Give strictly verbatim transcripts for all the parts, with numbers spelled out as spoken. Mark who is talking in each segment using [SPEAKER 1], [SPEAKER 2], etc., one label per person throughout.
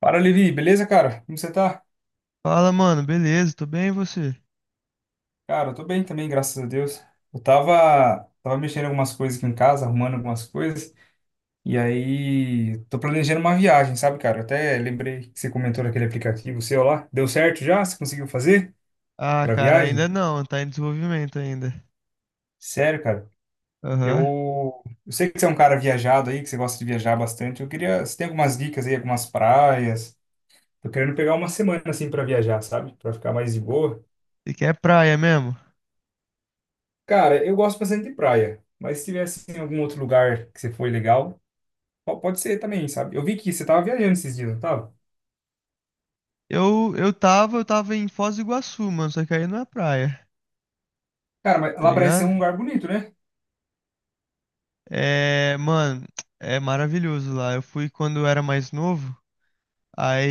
[SPEAKER 1] Fala, Levi, beleza, cara? Como você tá?
[SPEAKER 2] Fala, mano, beleza, tô bem e você?
[SPEAKER 1] Cara, eu tô bem também, graças a Deus. Eu tava, tava mexendo em algumas coisas aqui em casa, arrumando algumas coisas, e aí tô planejando uma viagem, sabe, cara? Eu até lembrei que você comentou daquele aplicativo seu lá. Deu certo já? Você conseguiu fazer
[SPEAKER 2] Ah,
[SPEAKER 1] pra
[SPEAKER 2] cara,
[SPEAKER 1] viagem?
[SPEAKER 2] ainda não, tá em desenvolvimento ainda.
[SPEAKER 1] Sério, cara,
[SPEAKER 2] Aham.
[SPEAKER 1] eu, eu sei que você é um cara viajado aí, que você gosta de viajar bastante. Eu queria, você tem algumas dicas aí, algumas praias? Tô querendo pegar uma semana assim pra viajar, sabe? Pra ficar mais de boa.
[SPEAKER 2] E que é praia mesmo?
[SPEAKER 1] Cara, eu gosto bastante de praia, mas se tivesse em algum outro lugar que você foi legal, po- pode ser também, sabe? Eu vi que você tava viajando esses dias, não tava?
[SPEAKER 2] Eu, eu tava, eu tava em Foz do Iguaçu, mano, só que aí não é praia,
[SPEAKER 1] Cara, mas
[SPEAKER 2] tá
[SPEAKER 1] lá parece ser
[SPEAKER 2] ligado?
[SPEAKER 1] um lugar bonito, né?
[SPEAKER 2] É, mano, é maravilhoso lá. Eu fui quando eu era mais novo,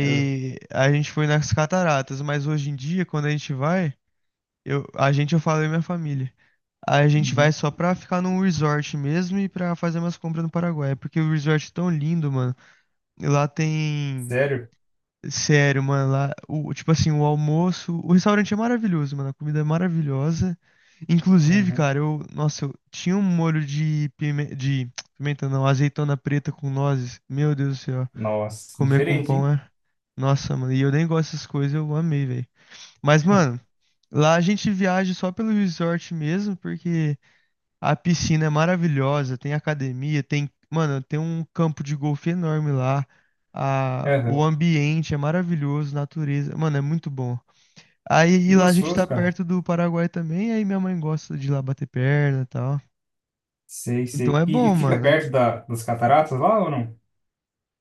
[SPEAKER 1] Eu-
[SPEAKER 2] a gente foi nas cataratas, mas hoje em dia, quando a gente vai, eu, a gente, eu falo eu e minha família. A gente vai
[SPEAKER 1] Uhum.
[SPEAKER 2] só pra ficar num resort mesmo e pra fazer umas compras no Paraguai, porque o resort é tão lindo, mano. E lá tem.
[SPEAKER 1] Sério?
[SPEAKER 2] Sério, mano, lá. O, tipo assim, o almoço. O restaurante é maravilhoso, mano. A comida é maravilhosa. Inclusive,
[SPEAKER 1] Aham.
[SPEAKER 2] cara, eu. Nossa, eu tinha um molho de pime- de pimenta, não, azeitona preta com nozes. Meu Deus do céu.
[SPEAKER 1] Nossa,
[SPEAKER 2] Comer com
[SPEAKER 1] diferente,
[SPEAKER 2] pão
[SPEAKER 1] hein?
[SPEAKER 2] é. Nossa, mano. E eu nem gosto dessas coisas, eu amei, velho. Mas, mano, lá a gente viaja só pelo resort mesmo, porque. A piscina é maravilhosa, tem academia, tem, mano, tem um campo de golfe enorme lá. A, o
[SPEAKER 1] Aham.
[SPEAKER 2] ambiente é maravilhoso, natureza, mano, é muito bom. Aí
[SPEAKER 1] E
[SPEAKER 2] e lá a gente tá
[SPEAKER 1] gostoso, cara.
[SPEAKER 2] perto do Paraguai também, aí minha mãe gosta de ir lá bater perna e tal.
[SPEAKER 1] Sei,
[SPEAKER 2] Então
[SPEAKER 1] sei.
[SPEAKER 2] é
[SPEAKER 1] E,
[SPEAKER 2] bom,
[SPEAKER 1] e fica
[SPEAKER 2] mano.
[SPEAKER 1] perto da, das cataratas lá ou não?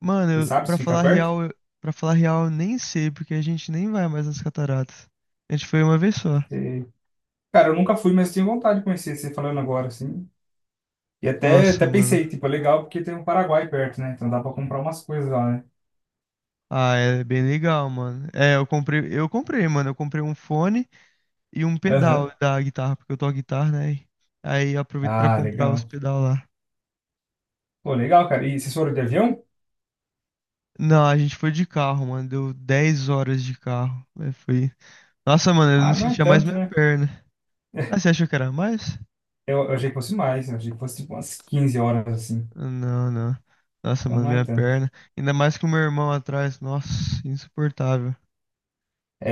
[SPEAKER 2] Mano,
[SPEAKER 1] Você
[SPEAKER 2] eu,
[SPEAKER 1] sabe
[SPEAKER 2] pra
[SPEAKER 1] se fica
[SPEAKER 2] falar
[SPEAKER 1] perto?
[SPEAKER 2] real, eu, pra falar real, eu nem sei, porque a gente nem vai mais nas cataratas. A gente foi uma vez só.
[SPEAKER 1] Sei. Cara, eu nunca fui, mas tenho vontade de conhecer você falando agora, assim. E até, até
[SPEAKER 2] Nossa, mano.
[SPEAKER 1] pensei, tipo, é legal porque tem um Paraguai perto, né? Então dá pra comprar umas coisas lá, né?
[SPEAKER 2] Ah, é bem legal, mano. É, eu comprei, eu comprei, mano, eu comprei um fone. E um
[SPEAKER 1] Aham.
[SPEAKER 2] pedal da guitarra, porque eu toco guitarra, né? Aí eu aproveito pra
[SPEAKER 1] Ah,
[SPEAKER 2] comprar os
[SPEAKER 1] legal.
[SPEAKER 2] pedal lá.
[SPEAKER 1] Pô, legal, cara. E vocês foram de avião?
[SPEAKER 2] Não, a gente foi de carro, mano. Deu dez horas de carro, né. Foi. Nossa, mano, eu não
[SPEAKER 1] Ah, não é
[SPEAKER 2] sentia mais
[SPEAKER 1] tanto,
[SPEAKER 2] minha
[SPEAKER 1] né?
[SPEAKER 2] perna. Ah, você achou que era mais?
[SPEAKER 1] Eu, eu achei que fosse mais, eu achei que fosse tipo umas quinze horas assim.
[SPEAKER 2] Não, não. Nossa,
[SPEAKER 1] Então
[SPEAKER 2] mano,
[SPEAKER 1] não é
[SPEAKER 2] minha
[SPEAKER 1] tanto.
[SPEAKER 2] perna. Ainda mais que o meu irmão atrás. Nossa, insuportável.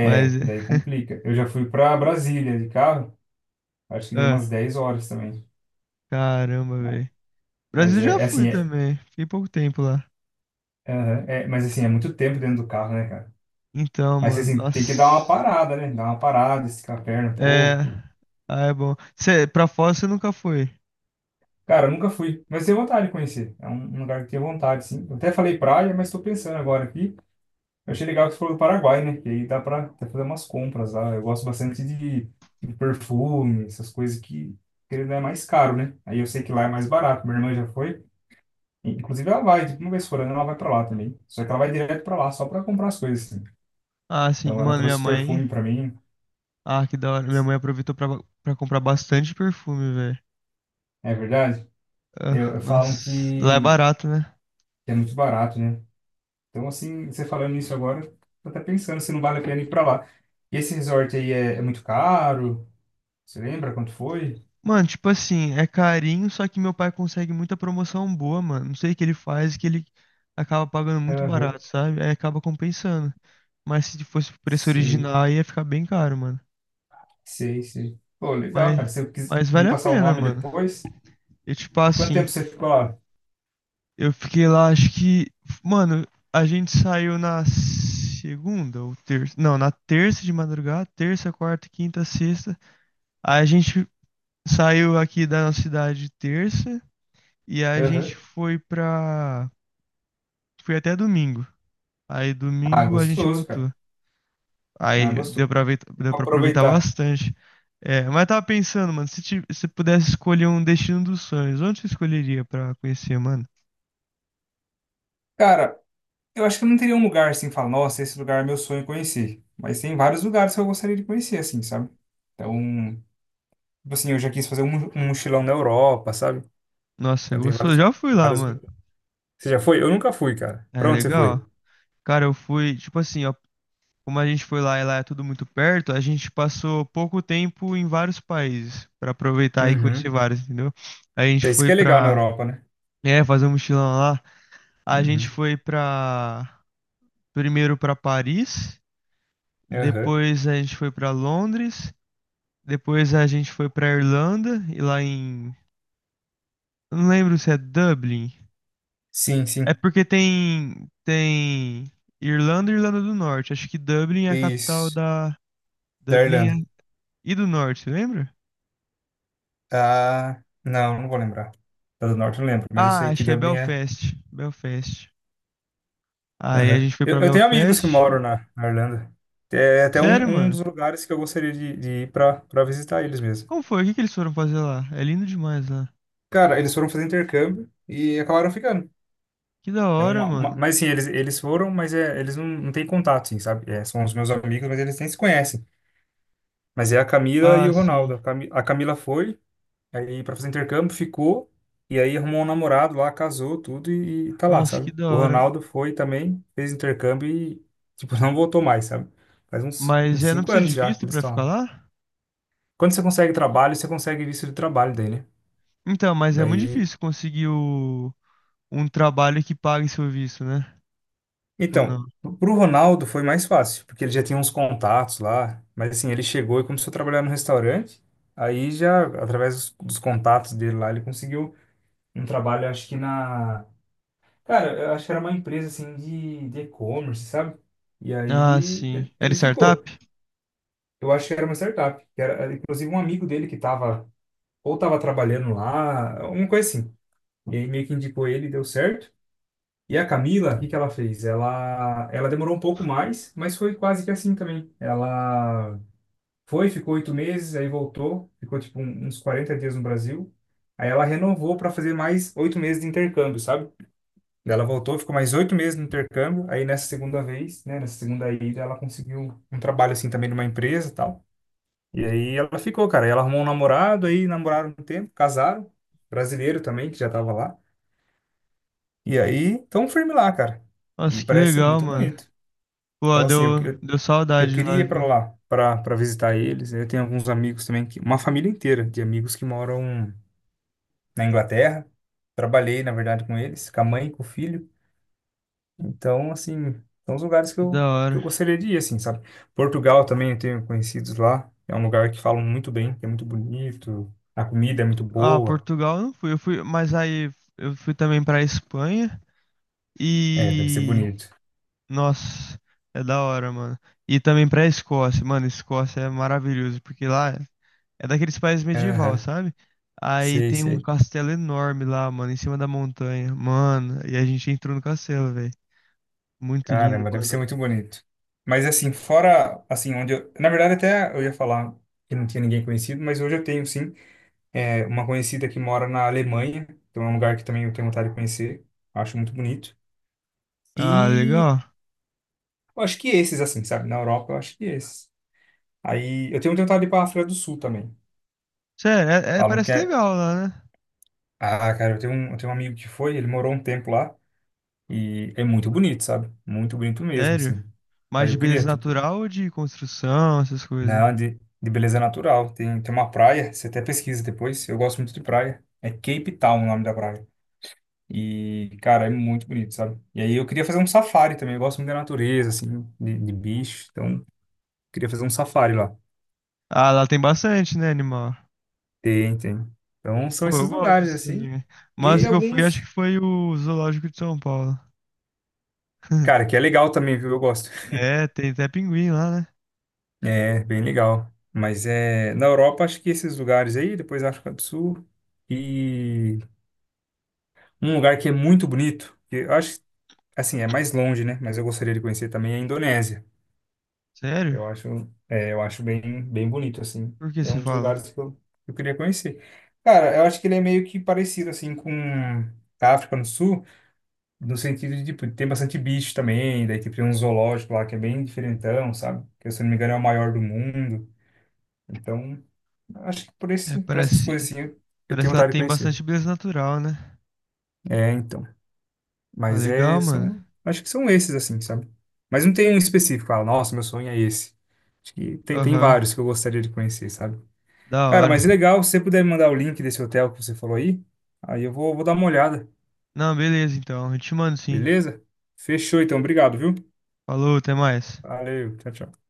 [SPEAKER 2] Mas é.
[SPEAKER 1] daí complica. Eu já fui pra Brasília de carro, acho que deu
[SPEAKER 2] Ah,
[SPEAKER 1] umas dez horas também.
[SPEAKER 2] caramba,
[SPEAKER 1] Mas,
[SPEAKER 2] velho.
[SPEAKER 1] mas
[SPEAKER 2] Brasil já
[SPEAKER 1] é, é
[SPEAKER 2] fui
[SPEAKER 1] assim, é,
[SPEAKER 2] também. Fiquei pouco tempo lá.
[SPEAKER 1] aham, é- mas assim, é muito tempo dentro do carro, né, cara?
[SPEAKER 2] Então,
[SPEAKER 1] Mas
[SPEAKER 2] mano,
[SPEAKER 1] assim, tem que
[SPEAKER 2] nossa.
[SPEAKER 1] dar uma parada, né? Dar uma parada, esticar a perna um
[SPEAKER 2] É.
[SPEAKER 1] pouco.
[SPEAKER 2] Ah, é bom. Cê, pra fora você nunca foi?
[SPEAKER 1] Cara, eu nunca fui, mas tenho vontade de conhecer. É um, um lugar que tenho vontade, sim. Eu até falei praia, mas tô pensando agora aqui. Eu achei legal que você falou do Paraguai, né? Que aí dá pra até fazer umas compras lá. Eu gosto bastante de, de perfume, essas coisas que, querendo, é mais caro, né? Aí eu sei que lá é mais barato. Minha irmã já foi. E, inclusive, ela vai, tipo, uma vez por ano, ela vai pra lá também. Só que ela vai direto pra lá, só pra comprar as coisas, assim.
[SPEAKER 2] Ah, sim.
[SPEAKER 1] Então, ela
[SPEAKER 2] Mano, minha
[SPEAKER 1] trouxe
[SPEAKER 2] mãe.
[SPEAKER 1] perfume pra mim,
[SPEAKER 2] Ah, que da hora. Minha mãe aproveitou pra, pra comprar bastante perfume, velho.
[SPEAKER 1] é verdade.
[SPEAKER 2] Ah,
[SPEAKER 1] Eu, eu falam
[SPEAKER 2] nossa. Lá é
[SPEAKER 1] que
[SPEAKER 2] barato, né?
[SPEAKER 1] que é muito barato, né? Então, assim, você falando isso agora, tô até pensando se não vale a pena ir pra lá. E esse resort aí é, é muito caro? Você lembra quanto foi?
[SPEAKER 2] Mano, tipo assim, é carinho, só que meu pai consegue muita promoção boa, mano. Não sei o que ele faz, que ele acaba pagando muito
[SPEAKER 1] Aham.
[SPEAKER 2] barato, sabe? Aí acaba compensando. Mas se fosse o preço
[SPEAKER 1] Sei.
[SPEAKER 2] original, aí ia ficar bem caro, mano.
[SPEAKER 1] Sei, sei. Pô, legal, cara.
[SPEAKER 2] Mas,
[SPEAKER 1] Se eu quiser
[SPEAKER 2] mas
[SPEAKER 1] me
[SPEAKER 2] vale a
[SPEAKER 1] passar o
[SPEAKER 2] pena,
[SPEAKER 1] nome
[SPEAKER 2] mano.
[SPEAKER 1] depois,
[SPEAKER 2] E tipo
[SPEAKER 1] quanto
[SPEAKER 2] assim.
[SPEAKER 1] tempo você ficou lá?
[SPEAKER 2] Eu fiquei lá, acho que. Mano, a gente saiu na segunda ou terça. Não, na terça de madrugada. Terça, quarta, quinta, sexta. Aí a gente saiu aqui da nossa cidade terça. E aí a gente
[SPEAKER 1] Aham.
[SPEAKER 2] foi pra. Foi até domingo. Aí
[SPEAKER 1] Ah,
[SPEAKER 2] domingo a gente
[SPEAKER 1] gostoso, cara.
[SPEAKER 2] voltou.
[SPEAKER 1] Ah,
[SPEAKER 2] Aí deu
[SPEAKER 1] gostoso.
[SPEAKER 2] pra, aveit-
[SPEAKER 1] Tem
[SPEAKER 2] Deu
[SPEAKER 1] que
[SPEAKER 2] pra aproveitar
[SPEAKER 1] aproveitar.
[SPEAKER 2] bastante. É, mas eu tava pensando, mano, se ti- se pudesse escolher um destino dos sonhos, onde você escolheria pra conhecer, mano?
[SPEAKER 1] Cara, eu acho que eu não teria um lugar assim, falar, nossa, esse lugar é meu sonho conhecer. Mas tem vários lugares que eu gostaria de conhecer, assim, sabe? Então, tipo assim, eu já quis fazer um, mo- um mochilão na Europa, sabe?
[SPEAKER 2] Nossa, é
[SPEAKER 1] Então tem
[SPEAKER 2] gostoso.
[SPEAKER 1] vários,
[SPEAKER 2] Já fui lá,
[SPEAKER 1] vários.
[SPEAKER 2] mano.
[SPEAKER 1] Você já foi? Eu nunca fui, cara.
[SPEAKER 2] É
[SPEAKER 1] Pra onde você foi?
[SPEAKER 2] legal. Cara, eu fui, tipo assim, ó, como a gente foi lá e lá é tudo muito perto, a gente passou pouco tempo em vários países pra aproveitar e conhecer
[SPEAKER 1] Uhum.
[SPEAKER 2] vários, entendeu? A gente
[SPEAKER 1] Então, isso que
[SPEAKER 2] foi
[SPEAKER 1] é legal na
[SPEAKER 2] pra,
[SPEAKER 1] Europa, né?
[SPEAKER 2] é, fazer um mochilão lá. A gente
[SPEAKER 1] Uhum.
[SPEAKER 2] foi pra, primeiro pra Paris,
[SPEAKER 1] Aham.
[SPEAKER 2] depois a gente foi pra Londres, depois a gente foi pra Irlanda e lá em, eu não lembro se é Dublin.
[SPEAKER 1] Sim,
[SPEAKER 2] É
[SPEAKER 1] sim.
[SPEAKER 2] porque tem tem Irlanda e Irlanda do Norte. Acho que Dublin é a capital
[SPEAKER 1] Isso.
[SPEAKER 2] da.
[SPEAKER 1] Da
[SPEAKER 2] Dublin
[SPEAKER 1] Irlanda.
[SPEAKER 2] é. E do norte, lembra?
[SPEAKER 1] Ah, não, não vou lembrar. Da do Norte eu não lembro, mas eu
[SPEAKER 2] Ah,
[SPEAKER 1] sei
[SPEAKER 2] acho
[SPEAKER 1] que
[SPEAKER 2] que é
[SPEAKER 1] Dublin é.
[SPEAKER 2] Belfast. Belfast. Aí a
[SPEAKER 1] Aham.
[SPEAKER 2] gente foi
[SPEAKER 1] Eu,
[SPEAKER 2] pra
[SPEAKER 1] eu tenho amigos que
[SPEAKER 2] Belfast.
[SPEAKER 1] moram na, na Irlanda. É até
[SPEAKER 2] Sério,
[SPEAKER 1] um, um
[SPEAKER 2] mano?
[SPEAKER 1] dos lugares que eu gostaria de, de ir para para visitar eles mesmo.
[SPEAKER 2] Como foi? O que que eles foram fazer lá? É lindo demais lá.
[SPEAKER 1] Cara, eles foram fazer intercâmbio e acabaram ficando.
[SPEAKER 2] Que da
[SPEAKER 1] É
[SPEAKER 2] hora,
[SPEAKER 1] uma, uma-
[SPEAKER 2] mano.
[SPEAKER 1] mas sim, eles, eles foram, mas é, eles não, não têm contato, sim, sabe? É, são os meus amigos, mas eles nem se conhecem. Mas é a Camila e
[SPEAKER 2] Ah,
[SPEAKER 1] o
[SPEAKER 2] sim.
[SPEAKER 1] Ronaldo. A Cami- A Camila foi. Aí pra fazer intercâmbio, ficou. E aí arrumou um namorado lá, casou, tudo e, e tá lá,
[SPEAKER 2] Nossa, que
[SPEAKER 1] sabe?
[SPEAKER 2] da
[SPEAKER 1] O
[SPEAKER 2] hora.
[SPEAKER 1] Ronaldo foi também, fez intercâmbio e, tipo, não voltou mais, sabe? Faz uns,
[SPEAKER 2] Mas
[SPEAKER 1] uns
[SPEAKER 2] é, não
[SPEAKER 1] cinco
[SPEAKER 2] precisa
[SPEAKER 1] anos
[SPEAKER 2] de
[SPEAKER 1] já que
[SPEAKER 2] visto
[SPEAKER 1] eles
[SPEAKER 2] pra
[SPEAKER 1] estão
[SPEAKER 2] ficar
[SPEAKER 1] lá.
[SPEAKER 2] lá?
[SPEAKER 1] Quando você consegue trabalho, você consegue visto de trabalho daí, né?
[SPEAKER 2] Então, mas é muito
[SPEAKER 1] Daí.
[SPEAKER 2] difícil conseguir o... um trabalho que pague seu visto, né? Ou
[SPEAKER 1] Então,
[SPEAKER 2] não?
[SPEAKER 1] pro Ronaldo foi mais fácil, porque ele já tinha uns contatos lá. Mas assim, ele chegou e começou a trabalhar no restaurante. Aí já, através dos, dos contatos dele lá, ele conseguiu um trabalho, acho que na. Cara, eu acho que era uma empresa assim de de e-commerce, sabe? E
[SPEAKER 2] Ah,
[SPEAKER 1] aí
[SPEAKER 2] sim.
[SPEAKER 1] ele,
[SPEAKER 2] Era
[SPEAKER 1] ele
[SPEAKER 2] startup?
[SPEAKER 1] ficou. Eu acho que era uma startup. Que Era, era, inclusive um amigo dele que tava, ou tava trabalhando lá, alguma coisa assim. E aí meio que indicou ele, deu certo. E a Camila, o que que ela fez? Ela, ela demorou um pouco mais, mas foi quase que assim também. Ela foi, ficou oito meses, aí voltou, ficou tipo um- uns quarenta dias no Brasil. Aí ela renovou para fazer mais oito meses de intercâmbio, sabe? Daí ela voltou, ficou mais oito meses no intercâmbio. Aí nessa segunda vez, né, nessa segunda ida, ela conseguiu um trabalho assim também numa empresa e tal. E aí ela ficou, cara. Aí ela arrumou um namorado, aí namoraram um tempo, casaram, brasileiro também, que já tava lá. E aí tão firme lá, cara. E
[SPEAKER 2] Nossa, que
[SPEAKER 1] parece ser
[SPEAKER 2] legal,
[SPEAKER 1] muito
[SPEAKER 2] mano.
[SPEAKER 1] bonito.
[SPEAKER 2] Pô,
[SPEAKER 1] Então, assim, eu,
[SPEAKER 2] deu,
[SPEAKER 1] eu,
[SPEAKER 2] deu
[SPEAKER 1] eu
[SPEAKER 2] saudade lá,
[SPEAKER 1] queria ir pra
[SPEAKER 2] viu?
[SPEAKER 1] lá, pra, pra visitar eles. Eu tenho alguns amigos também, que, uma família inteira de amigos que moram na Inglaterra. Trabalhei, na verdade, com eles, com a mãe, e com o filho. Então, assim, são os lugares que
[SPEAKER 2] Que da
[SPEAKER 1] eu, que eu
[SPEAKER 2] hora.
[SPEAKER 1] gostaria de ir, assim, sabe? Portugal também eu tenho conhecidos lá. É um lugar que falam muito bem, que é muito bonito. A comida é muito
[SPEAKER 2] Ah,
[SPEAKER 1] boa.
[SPEAKER 2] Portugal eu não fui, eu fui, mas aí eu fui também pra Espanha
[SPEAKER 1] É, deve ser
[SPEAKER 2] e
[SPEAKER 1] bonito.
[SPEAKER 2] nossa, é da hora, mano. E também pra Escócia, mano, Escócia é maravilhoso, porque lá é daqueles países medieval,
[SPEAKER 1] Aham,
[SPEAKER 2] sabe? Aí
[SPEAKER 1] sei,
[SPEAKER 2] tem um
[SPEAKER 1] sei.
[SPEAKER 2] castelo enorme lá, mano, em cima da montanha. Mano, e a gente entrou no castelo, velho. Muito lindo,
[SPEAKER 1] Caramba, deve ser
[SPEAKER 2] mano.
[SPEAKER 1] muito bonito. Mas, assim, fora, assim, onde eu... Na verdade, até eu ia falar que não tinha ninguém conhecido, mas hoje eu tenho, sim, é, uma conhecida que mora na Alemanha. Então, é um lugar que também eu tenho vontade de conhecer. Acho muito bonito.
[SPEAKER 2] Ah,
[SPEAKER 1] E
[SPEAKER 2] legal.
[SPEAKER 1] eu acho que esses, assim, sabe? Na Europa, eu acho que esses. Aí eu tenho tentado ir para a África do Sul também.
[SPEAKER 2] Sério, é, é-
[SPEAKER 1] Falam que
[SPEAKER 2] parece
[SPEAKER 1] é.
[SPEAKER 2] legal lá, né?
[SPEAKER 1] Ah, cara, eu tenho um, eu tenho um amigo que foi, ele morou um tempo lá e é muito bonito, sabe? Muito bonito mesmo,
[SPEAKER 2] Sério.
[SPEAKER 1] assim.
[SPEAKER 2] Mais
[SPEAKER 1] Daí
[SPEAKER 2] de
[SPEAKER 1] eu
[SPEAKER 2] beleza
[SPEAKER 1] queria, tipo,
[SPEAKER 2] natural ou de construção, essas coisas?
[SPEAKER 1] não, de, de beleza natural. Tem, tem uma praia, você até pesquisa depois, eu gosto muito de praia. É Cape Town o nome da praia. E, cara, é muito bonito, sabe? E aí eu queria fazer um safari também, eu gosto muito da natureza, assim, de, de bicho. Então, queria fazer um safari lá.
[SPEAKER 2] Ah, lá tem bastante, né, animal?
[SPEAKER 1] Tem, tem. Então,
[SPEAKER 2] Pô,
[SPEAKER 1] são
[SPEAKER 2] eu
[SPEAKER 1] esses
[SPEAKER 2] gosto
[SPEAKER 1] lugares,
[SPEAKER 2] disso
[SPEAKER 1] assim.
[SPEAKER 2] também.
[SPEAKER 1] E
[SPEAKER 2] Mas
[SPEAKER 1] aí,
[SPEAKER 2] o que eu fui, acho
[SPEAKER 1] alguns.
[SPEAKER 2] que foi o Zoológico de São Paulo.
[SPEAKER 1] Cara, que é legal também, viu? Eu gosto.
[SPEAKER 2] É, tem até pinguim lá, né?
[SPEAKER 1] É, bem legal. Mas é, na Europa, acho que esses lugares aí, depois África do Sul, e um lugar que é muito bonito, que eu acho, assim, é mais longe, né? Mas eu gostaria de conhecer também é a Indonésia.
[SPEAKER 2] Sério?
[SPEAKER 1] Eu acho, é, eu acho bem, bem bonito, assim.
[SPEAKER 2] Por que
[SPEAKER 1] É
[SPEAKER 2] você
[SPEAKER 1] um dos
[SPEAKER 2] fala?
[SPEAKER 1] lugares que eu, que eu queria conhecer. Cara, eu acho que ele é meio que parecido, assim, com a África do Sul, no sentido de, tipo, tem bastante bicho também, daí, tipo, tem um zoológico lá que é bem diferentão, sabe? Que, se eu não me engano, é o maior do mundo. Então, acho que por
[SPEAKER 2] É,
[SPEAKER 1] esse, por essas
[SPEAKER 2] parece,
[SPEAKER 1] coisas assim, eu eu
[SPEAKER 2] parece
[SPEAKER 1] tenho
[SPEAKER 2] que lá
[SPEAKER 1] vontade de
[SPEAKER 2] tem bastante
[SPEAKER 1] conhecer.
[SPEAKER 2] beleza natural, né?
[SPEAKER 1] É, então.
[SPEAKER 2] Ah,
[SPEAKER 1] Mas é,
[SPEAKER 2] legal, mano.
[SPEAKER 1] são, acho que são esses assim, sabe? Mas não tem um específico, fala, nossa, meu sonho é esse. Acho que tem, tem
[SPEAKER 2] Aham,
[SPEAKER 1] vários que eu gostaria de conhecer, sabe?
[SPEAKER 2] da
[SPEAKER 1] Cara,
[SPEAKER 2] hora.
[SPEAKER 1] mas é legal, se você puder me mandar o link desse hotel que você falou aí, aí eu vou, vou dar uma olhada,
[SPEAKER 2] Não, beleza, então. Eu te mando sim.
[SPEAKER 1] beleza? Fechou então, obrigado, viu?
[SPEAKER 2] Falou, até mais.
[SPEAKER 1] Valeu, tchau, tchau.